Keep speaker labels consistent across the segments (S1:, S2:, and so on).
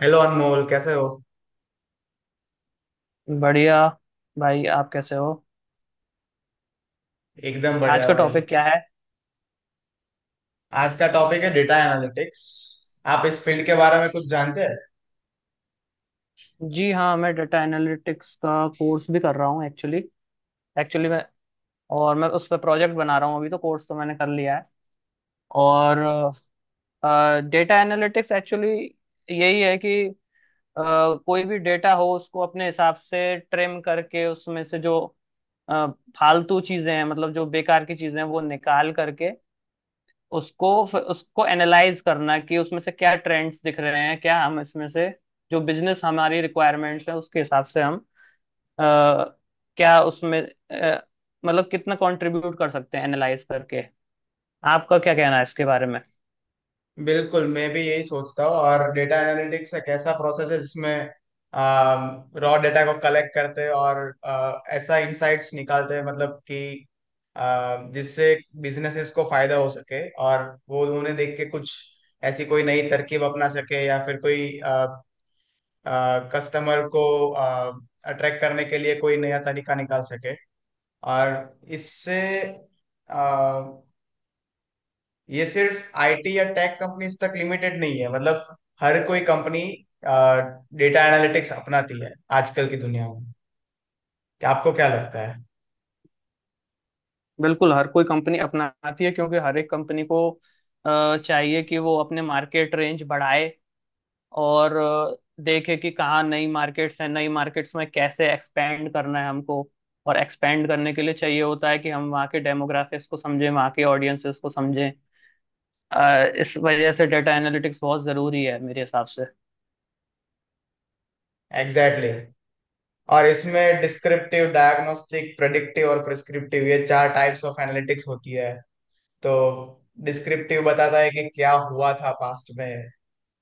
S1: Hello Anmol कैसे हो।
S2: बढ़िया। भाई, आप कैसे हो?
S1: एकदम
S2: आज
S1: बढ़िया
S2: का
S1: भाई।
S2: टॉपिक क्या है?
S1: आज का टॉपिक है डेटा एनालिटिक्स। आप इस फील्ड के बारे में कुछ जानते हैं?
S2: जी हाँ, मैं डेटा एनालिटिक्स का कोर्स भी कर रहा हूँ एक्चुअली। एक्चुअली मैं और मैं उस पर प्रोजेक्ट बना रहा हूँ। अभी तो कोर्स तो मैंने कर लिया है। और डेटा एनालिटिक्स एक्चुअली यही है कि अ, कोई भी डेटा हो उसको अपने हिसाब से ट्रिम करके उसमें से जो अ, फालतू चीजें हैं, मतलब जो बेकार की चीजें हैं वो निकाल करके उसको उसको एनालाइज करना कि उसमें से क्या ट्रेंड्स दिख रहे हैं, क्या हम इसमें से जो बिजनेस हमारी रिक्वायरमेंट्स है उसके हिसाब से हम अ, क्या उसमें मतलब कितना कंट्रीब्यूट कर सकते हैं एनालाइज करके। आपका क्या कहना है इसके बारे में?
S1: बिल्कुल, मैं भी यही सोचता हूँ। और डेटा एनालिटिक्स एक ऐसा प्रोसेस है जिसमें रॉ डेटा को कलेक्ट करते हैं और ऐसा इंसाइट्स निकालते हैं, मतलब कि जिससे बिजनेसेस को फायदा हो सके और वो उन्हें देख के कुछ ऐसी कोई नई तरकीब अपना सके या फिर कोई कस्टमर को अट्रैक्ट करने के लिए कोई नया तरीका निकाल सके। और इससे आ, ये सिर्फ आईटी या टेक कंपनीज तक लिमिटेड नहीं है, मतलब हर कोई कंपनी डेटा एनालिटिक्स अपनाती है आजकल की दुनिया में। क्या आपको क्या लगता है?
S2: बिल्कुल हर कोई कंपनी अपनाती है, क्योंकि हर एक कंपनी को चाहिए कि वो अपने मार्केट रेंज बढ़ाए, और देखे कि कहाँ नई मार्केट्स हैं, नई मार्केट्स में कैसे एक्सपेंड करना है हमको। और एक्सपेंड करने के लिए चाहिए होता है कि हम वहाँ के डेमोग्राफिक्स को समझें, वहाँ के ऑडियंसेस को समझें। इस वजह से डेटा एनालिटिक्स बहुत ज़रूरी है मेरे हिसाब से।
S1: Exactly exactly. और इसमें डिस्क्रिप्टिव, डायग्नोस्टिक, प्रेडिक्टिव और प्रिस्क्रिप्टिव, ये चार टाइप्स ऑफ एनालिटिक्स होती है। तो डिस्क्रिप्टिव बताता है कि क्या हुआ था पास्ट में,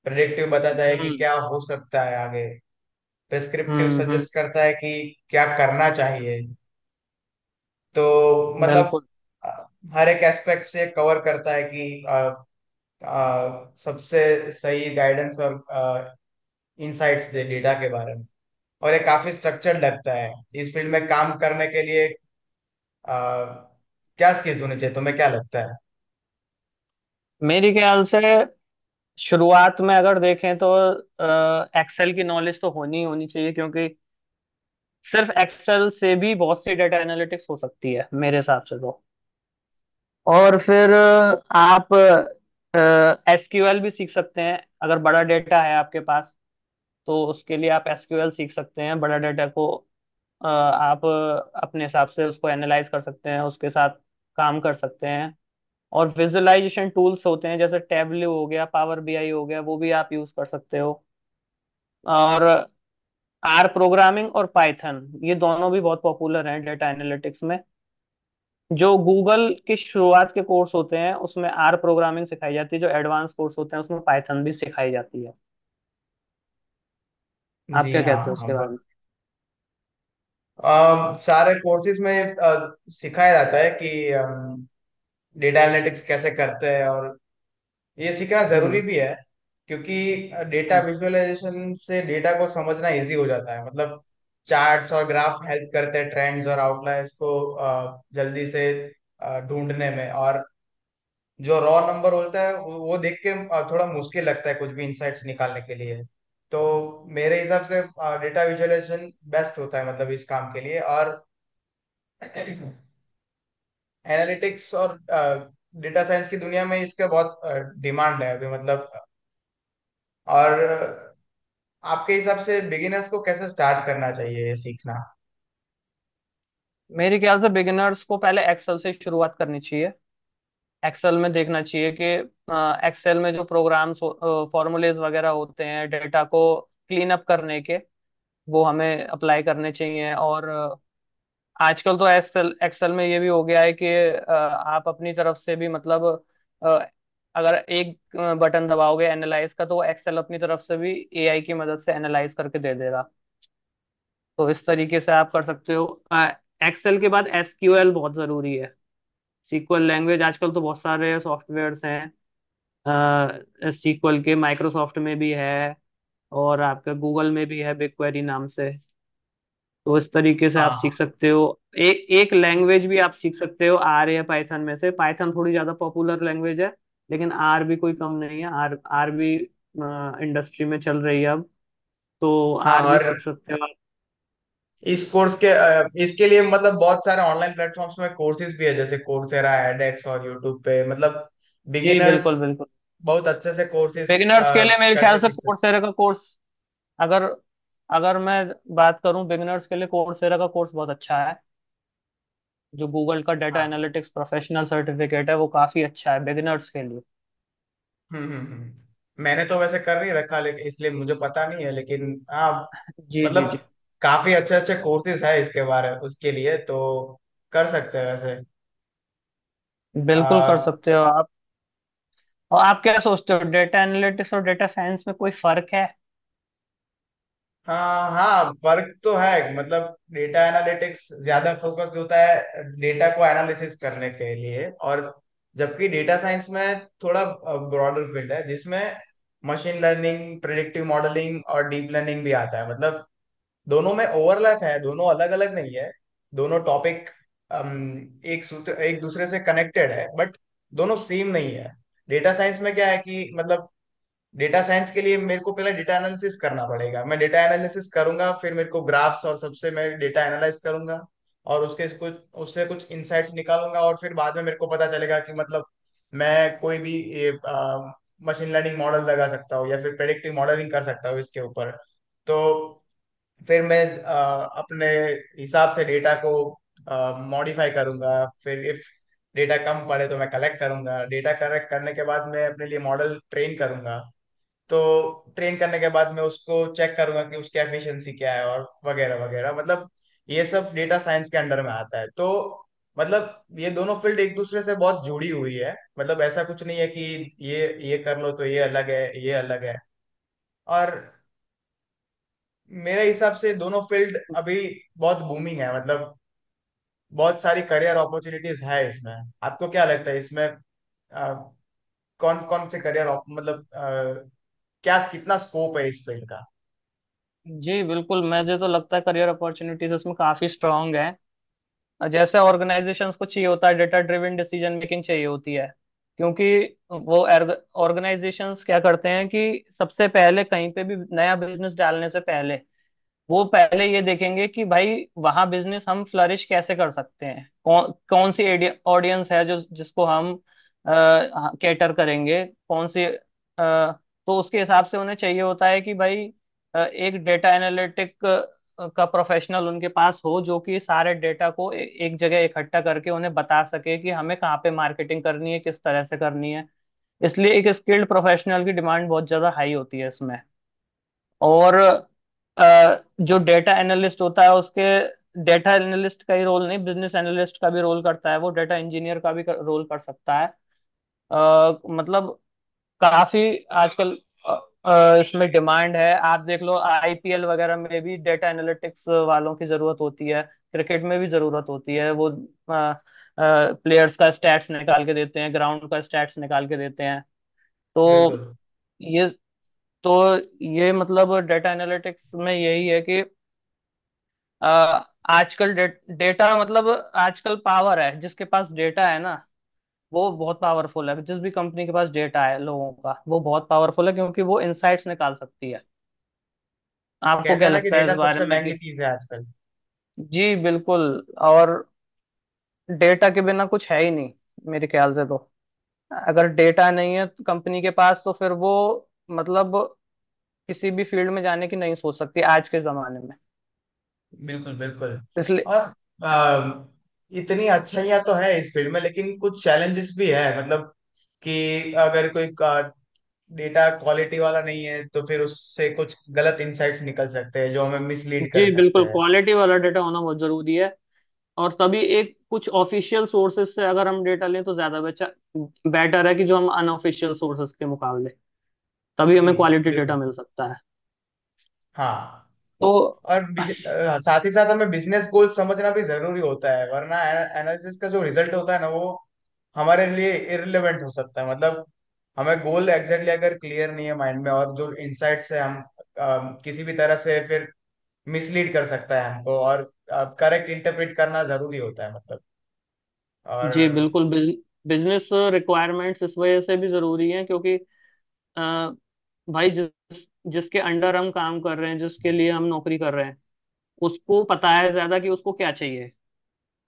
S1: प्रेडिक्टिव बताता है कि
S2: हम्म,
S1: क्या हो सकता है आगे, प्रिस्क्रिप्टिव
S2: हम्म, हम्म,
S1: सजेस्ट करता है कि क्या करना चाहिए। तो मतलब
S2: बिल्कुल।
S1: अ, हर एक एस्पेक्ट से कवर करता है कि सबसे सही गाइडेंस और इंसाइट्स दे डेटा के बारे में। और ये काफी स्ट्रक्चर्ड लगता है। इस फील्ड में काम करने के लिए अ, क्या स्किल्स होने चाहिए, तुम्हें क्या लगता है?
S2: मेरे ख्याल से शुरुआत में अगर देखें तो एक्सेल की नॉलेज तो होनी ही होनी चाहिए, क्योंकि सिर्फ एक्सेल से भी बहुत सी डेटा एनालिटिक्स हो सकती है मेरे हिसाब से तो। और फिर आप एसक्यूएल भी सीख सकते हैं, अगर बड़ा डेटा है आपके पास तो उसके लिए आप एसक्यूएल सीख सकते हैं। बड़ा डेटा को आप अपने हिसाब से उसको एनालाइज कर सकते हैं, उसके साथ काम कर सकते हैं। और विजुअलाइजेशन टूल्स होते हैं, जैसे टेबलो हो गया, पावर बीआई हो गया, वो भी आप यूज कर सकते हो। और आर प्रोग्रामिंग और पाइथन, ये दोनों भी बहुत पॉपुलर हैं डेटा एनालिटिक्स में। जो गूगल के शुरुआत के कोर्स होते हैं उसमें आर प्रोग्रामिंग सिखाई जाती है, जो एडवांस कोर्स होते हैं उसमें पाइथन भी सिखाई जाती है। आप
S1: जी
S2: क्या
S1: हाँ,
S2: कहते हो
S1: हाँ,
S2: उसके बारे में?
S1: सारे कोर्सेज में सिखाया जाता है कि डेटा एनालिटिक्स कैसे करते हैं, और ये सीखना जरूरी
S2: हम्म,
S1: भी है। क्योंकि डेटा
S2: हम्म।
S1: विजुअलाइजेशन से डेटा को समझना इजी हो जाता है, मतलब चार्ट्स और ग्राफ हेल्प करते हैं ट्रेंड्स और आउटलायर्स को जल्दी से ढूंढने में। और जो रॉ नंबर होता है, वो देख के थोड़ा मुश्किल लगता है कुछ भी इंसाइट्स निकालने के लिए। तो मेरे हिसाब से डेटा विजुअलाइजेशन बेस्ट होता है, मतलब इस काम के लिए। और एनालिटिक्स और डेटा साइंस की दुनिया में इसका बहुत डिमांड है अभी, मतलब। और आपके हिसाब से बिगिनर्स को कैसे स्टार्ट करना चाहिए ये सीखना?
S2: मेरे ख्याल से बिगिनर्स को पहले एक्सेल से शुरुआत करनी चाहिए। एक्सेल में देखना चाहिए कि एक्सेल में जो प्रोग्राम्स, फॉर्मूलेज वगैरह होते हैं डेटा को क्लीन अप करने के, वो हमें अप्लाई करने चाहिए। और आजकल तो एक्सेल, एक्सेल में ये भी हो गया है कि आप अपनी तरफ से भी मतलब अ, अगर एक बटन दबाओगे एनालाइज का, तो एक्सेल अपनी तरफ से भी एआई की मदद से एनालाइज करके दे देगा। तो इस तरीके से आप कर सकते हो। एक्सेल के बाद एसक्यूएल बहुत जरूरी है। सीक्वल लैंग्वेज आजकल तो बहुत सारे सॉफ्टवेयर्स हैं। सीक्वल के माइक्रोसॉफ्ट में भी है, और आपके गूगल में भी है बिग क्वेरी नाम से। तो इस तरीके से आप सीख
S1: हाँ,
S2: सकते हो। एक एक लैंग्वेज भी आप सीख सकते हो आर या पाइथन में से। पाइथन थोड़ी ज्यादा पॉपुलर लैंग्वेज है, लेकिन आर भी कोई कम नहीं है। आर आर भी इंडस्ट्री में चल रही है अब, तो
S1: हाँ।
S2: आर भी
S1: और
S2: सीख सकते हो आप।
S1: इस कोर्स के इसके लिए, मतलब बहुत सारे ऑनलाइन प्लेटफॉर्म्स में कोर्सेज भी है जैसे कोर्सेरा, एडेक्स और यूट्यूब पे, मतलब
S2: जी
S1: बिगिनर्स
S2: बिल्कुल, बिल्कुल।
S1: बहुत अच्छे से कोर्सेज
S2: बिगिनर्स के लिए मेरे ख्याल
S1: करके
S2: से
S1: सीख सकते।
S2: कोर्सेरा का कोर्स, अगर अगर मैं बात करूं, बिगिनर्स के लिए कोर्सेरा का कोर्स बहुत अच्छा है। जो गूगल का डेटा
S1: हाँ।
S2: एनालिटिक्स प्रोफेशनल सर्टिफिकेट है वो काफी अच्छा है बिगिनर्स के लिए।
S1: मैंने तो वैसे कर नहीं रखा, लेकिन इसलिए मुझे पता नहीं है, लेकिन हाँ,
S2: जी,
S1: मतलब
S2: जी, जी।
S1: काफी अच्छे अच्छे कोर्सेज है इसके बारे उसके लिए, तो कर सकते हैं
S2: बिल्कुल कर
S1: वैसे।
S2: सकते हो आप। और आप क्या सोचते हो, डेटा एनालिटिक्स और डेटा साइंस में कोई फर्क है?
S1: हाँ हाँ, फर्क तो है, मतलब डेटा एनालिटिक्स ज्यादा फोकस होता है डेटा को एनालिसिस करने के लिए। और जबकि डेटा साइंस में थोड़ा ब्रॉडर फील्ड है जिसमें मशीन लर्निंग, प्रेडिक्टिव मॉडलिंग और डीप लर्निंग भी आता है, मतलब दोनों में ओवरलैप है, दोनों अलग अलग नहीं है। दोनों टॉपिक एक सूत्र एक दूसरे से कनेक्टेड है, बट दोनों सेम नहीं है। डेटा साइंस में क्या है कि मतलब डेटा साइंस के लिए मेरे को पहले डेटा एनालिसिस करना पड़ेगा। मैं डेटा एनालिसिस करूंगा, फिर मेरे को ग्राफ्स और सबसे मैं डेटा एनालाइज करूंगा। और उसके कुछ उससे कुछ इंसाइट्स निकालूंगा, और फिर बाद में मेरे को पता चलेगा कि मतलब मैं कोई भी मशीन लर्निंग मॉडल लगा सकता हूँ या फिर प्रेडिक्टिव मॉडलिंग कर सकता हूँ इसके ऊपर। तो फिर मैं अपने हिसाब से डेटा को मॉडिफाई करूंगा। फिर इफ डेटा कम पड़े तो मैं कलेक्ट करूंगा। डेटा कलेक्ट करने के बाद मैं अपने लिए मॉडल ट्रेन करूंगा। तो ट्रेन करने के बाद मैं उसको चेक करूंगा कि उसकी एफिशिएंसी क्या है और वगैरह वगैरह, मतलब ये सब डेटा साइंस के अंडर में आता है। तो मतलब ये दोनों फील्ड एक दूसरे से बहुत जुड़ी हुई है, मतलब ऐसा कुछ नहीं है कि ये ये कर लो तो ये अलग है ये अलग है। और मेरे हिसाब से दोनों फील्ड अभी बहुत बूमिंग है, मतलब बहुत सारी करियर अपॉर्चुनिटीज है इसमें। आपको क्या लगता है इसमें आ, कौन कौन से करियर मतलब क्या कितना स्कोप है इस फील्ड का?
S2: जी बिल्कुल, मुझे तो लगता है करियर अपॉर्चुनिटीज उसमें काफी स्ट्रांग है। और जैसे ऑर्गेनाइजेशंस को चाहिए होता है, डेटा ड्रिवन डिसीजन मेकिंग चाहिए होती है, क्योंकि वो ऑर्गेनाइजेशंस क्या करते हैं कि सबसे पहले कहीं पे भी नया बिजनेस डालने से पहले वो पहले ये देखेंगे कि भाई वहाँ बिजनेस हम फ्लरिश कैसे कर सकते हैं, कौन कौन सी ऑडियंस है जो जिसको हम कैटर करेंगे, कौन सी तो उसके हिसाब से उन्हें चाहिए होता है कि भाई एक डेटा एनालिटिक का प्रोफेशनल उनके पास हो जो कि सारे डेटा को एक जगह इकट्ठा करके उन्हें बता सके कि हमें कहाँ पे मार्केटिंग करनी है, किस तरह से करनी है। इसलिए एक स्किल्ड प्रोफेशनल की डिमांड बहुत ज्यादा हाई होती है इसमें। और अ, जो डेटा एनालिस्ट होता है, उसके डेटा एनालिस्ट का ही रोल नहीं, बिजनेस एनालिस्ट का भी रोल करता है वो, डेटा इंजीनियर का भी रोल कर सकता है। मतलब काफी आजकल अ, इसमें डिमांड है। आप देख लो आईपीएल वगैरह में भी डेटा एनालिटिक्स वालों की जरूरत होती है, क्रिकेट में भी जरूरत होती है। वो प्लेयर्स का स्टैट्स निकाल के देते हैं, ग्राउंड का स्टैट्स निकाल के देते हैं। तो
S1: बिल्कुल,
S2: ये तो ये मतलब डेटा एनालिटिक्स में यही है कि अ, आजकल डेटा मतलब आजकल पावर है, जिसके पास डेटा है ना वो बहुत पावरफुल है। जिस भी कंपनी के पास डेटा है लोगों का, वो बहुत पावरफुल है, क्योंकि वो इनसाइट्स निकाल सकती है। आपको
S1: कहते
S2: क्या
S1: हैं ना कि
S2: लगता है इस
S1: डेटा
S2: बारे
S1: सबसे
S2: में
S1: महंगी
S2: कि?
S1: चीज है आजकल।
S2: जी बिल्कुल। और डेटा के बिना कुछ है ही नहीं, मेरे ख्याल से तो। अगर डेटा नहीं है कंपनी के पास तो फिर वो मतलब किसी भी फील्ड में जाने की नहीं सोच सकती आज के जमाने में।
S1: बिल्कुल बिल्कुल।
S2: इसलिए
S1: और आ, इतनी अच्छाइयाँ तो है इस फील्ड में, लेकिन कुछ चैलेंजेस भी है, मतलब कि अगर कोई डेटा क्वालिटी वाला नहीं है तो फिर उससे कुछ गलत इनसाइट्स निकल सकते हैं जो हमें मिसलीड
S2: जी
S1: कर सकते
S2: बिल्कुल,
S1: हैं।
S2: क्वालिटी वाला डेटा होना बहुत जरूरी है। और सभी एक कुछ ऑफिशियल सोर्सेज से अगर हम डेटा लें तो ज्यादा बेचा बेटर है, कि जो हम अनऑफिशियल सोर्सेज के मुकाबले। तभी
S1: जी
S2: हमें क्वालिटी
S1: बिल्कुल।
S2: डेटा मिल सकता है।
S1: हाँ।
S2: तो
S1: और साथ ही साथ हमें बिजनेस गोल समझना भी जरूरी होता है, वरना एनालिसिस का जो रिजल्ट होता है ना, वो हमारे लिए इररिलेवेंट हो सकता है, मतलब हमें गोल एग्जैक्टली अगर क्लियर नहीं है माइंड में, और जो इनसाइट्स है हम किसी भी तरह से फिर मिसलीड कर सकता है हमको। और करेक्ट इंटरप्रेट करना जरूरी होता है, मतलब।
S2: जी
S1: और
S2: बिल्कुल, बिजनेस रिक्वायरमेंट्स इस वजह से भी जरूरी हैं, क्योंकि अ, भाई जिसके अंडर हम काम कर रहे हैं, जिसके लिए हम नौकरी कर रहे हैं, उसको पता है ज्यादा कि उसको क्या चाहिए।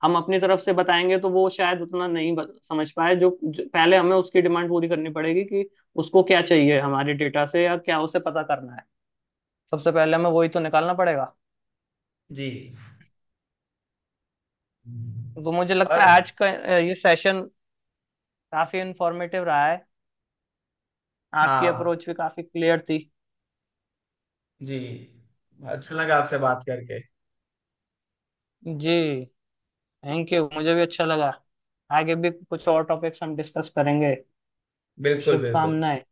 S2: हम अपनी तरफ से बताएंगे तो वो शायद उतना नहीं समझ पाए। जो पहले हमें उसकी डिमांड पूरी करनी पड़ेगी कि उसको क्या चाहिए हमारे डेटा से, या क्या उसे पता करना है। सबसे पहले हमें वही तो निकालना पड़ेगा।
S1: जी।
S2: तो मुझे लगता है
S1: और
S2: आज का ये सेशन काफी इंफॉर्मेटिव रहा है। आपकी
S1: हाँ।
S2: अप्रोच भी काफी क्लियर थी।
S1: जी, अच्छा लगा आपसे बात करके।
S2: जी, थैंक यू। मुझे भी अच्छा लगा। आगे भी कुछ और टॉपिक्स हम डिस्कस करेंगे।
S1: बिल्कुल बिल्कुल।
S2: शुभकामनाएं।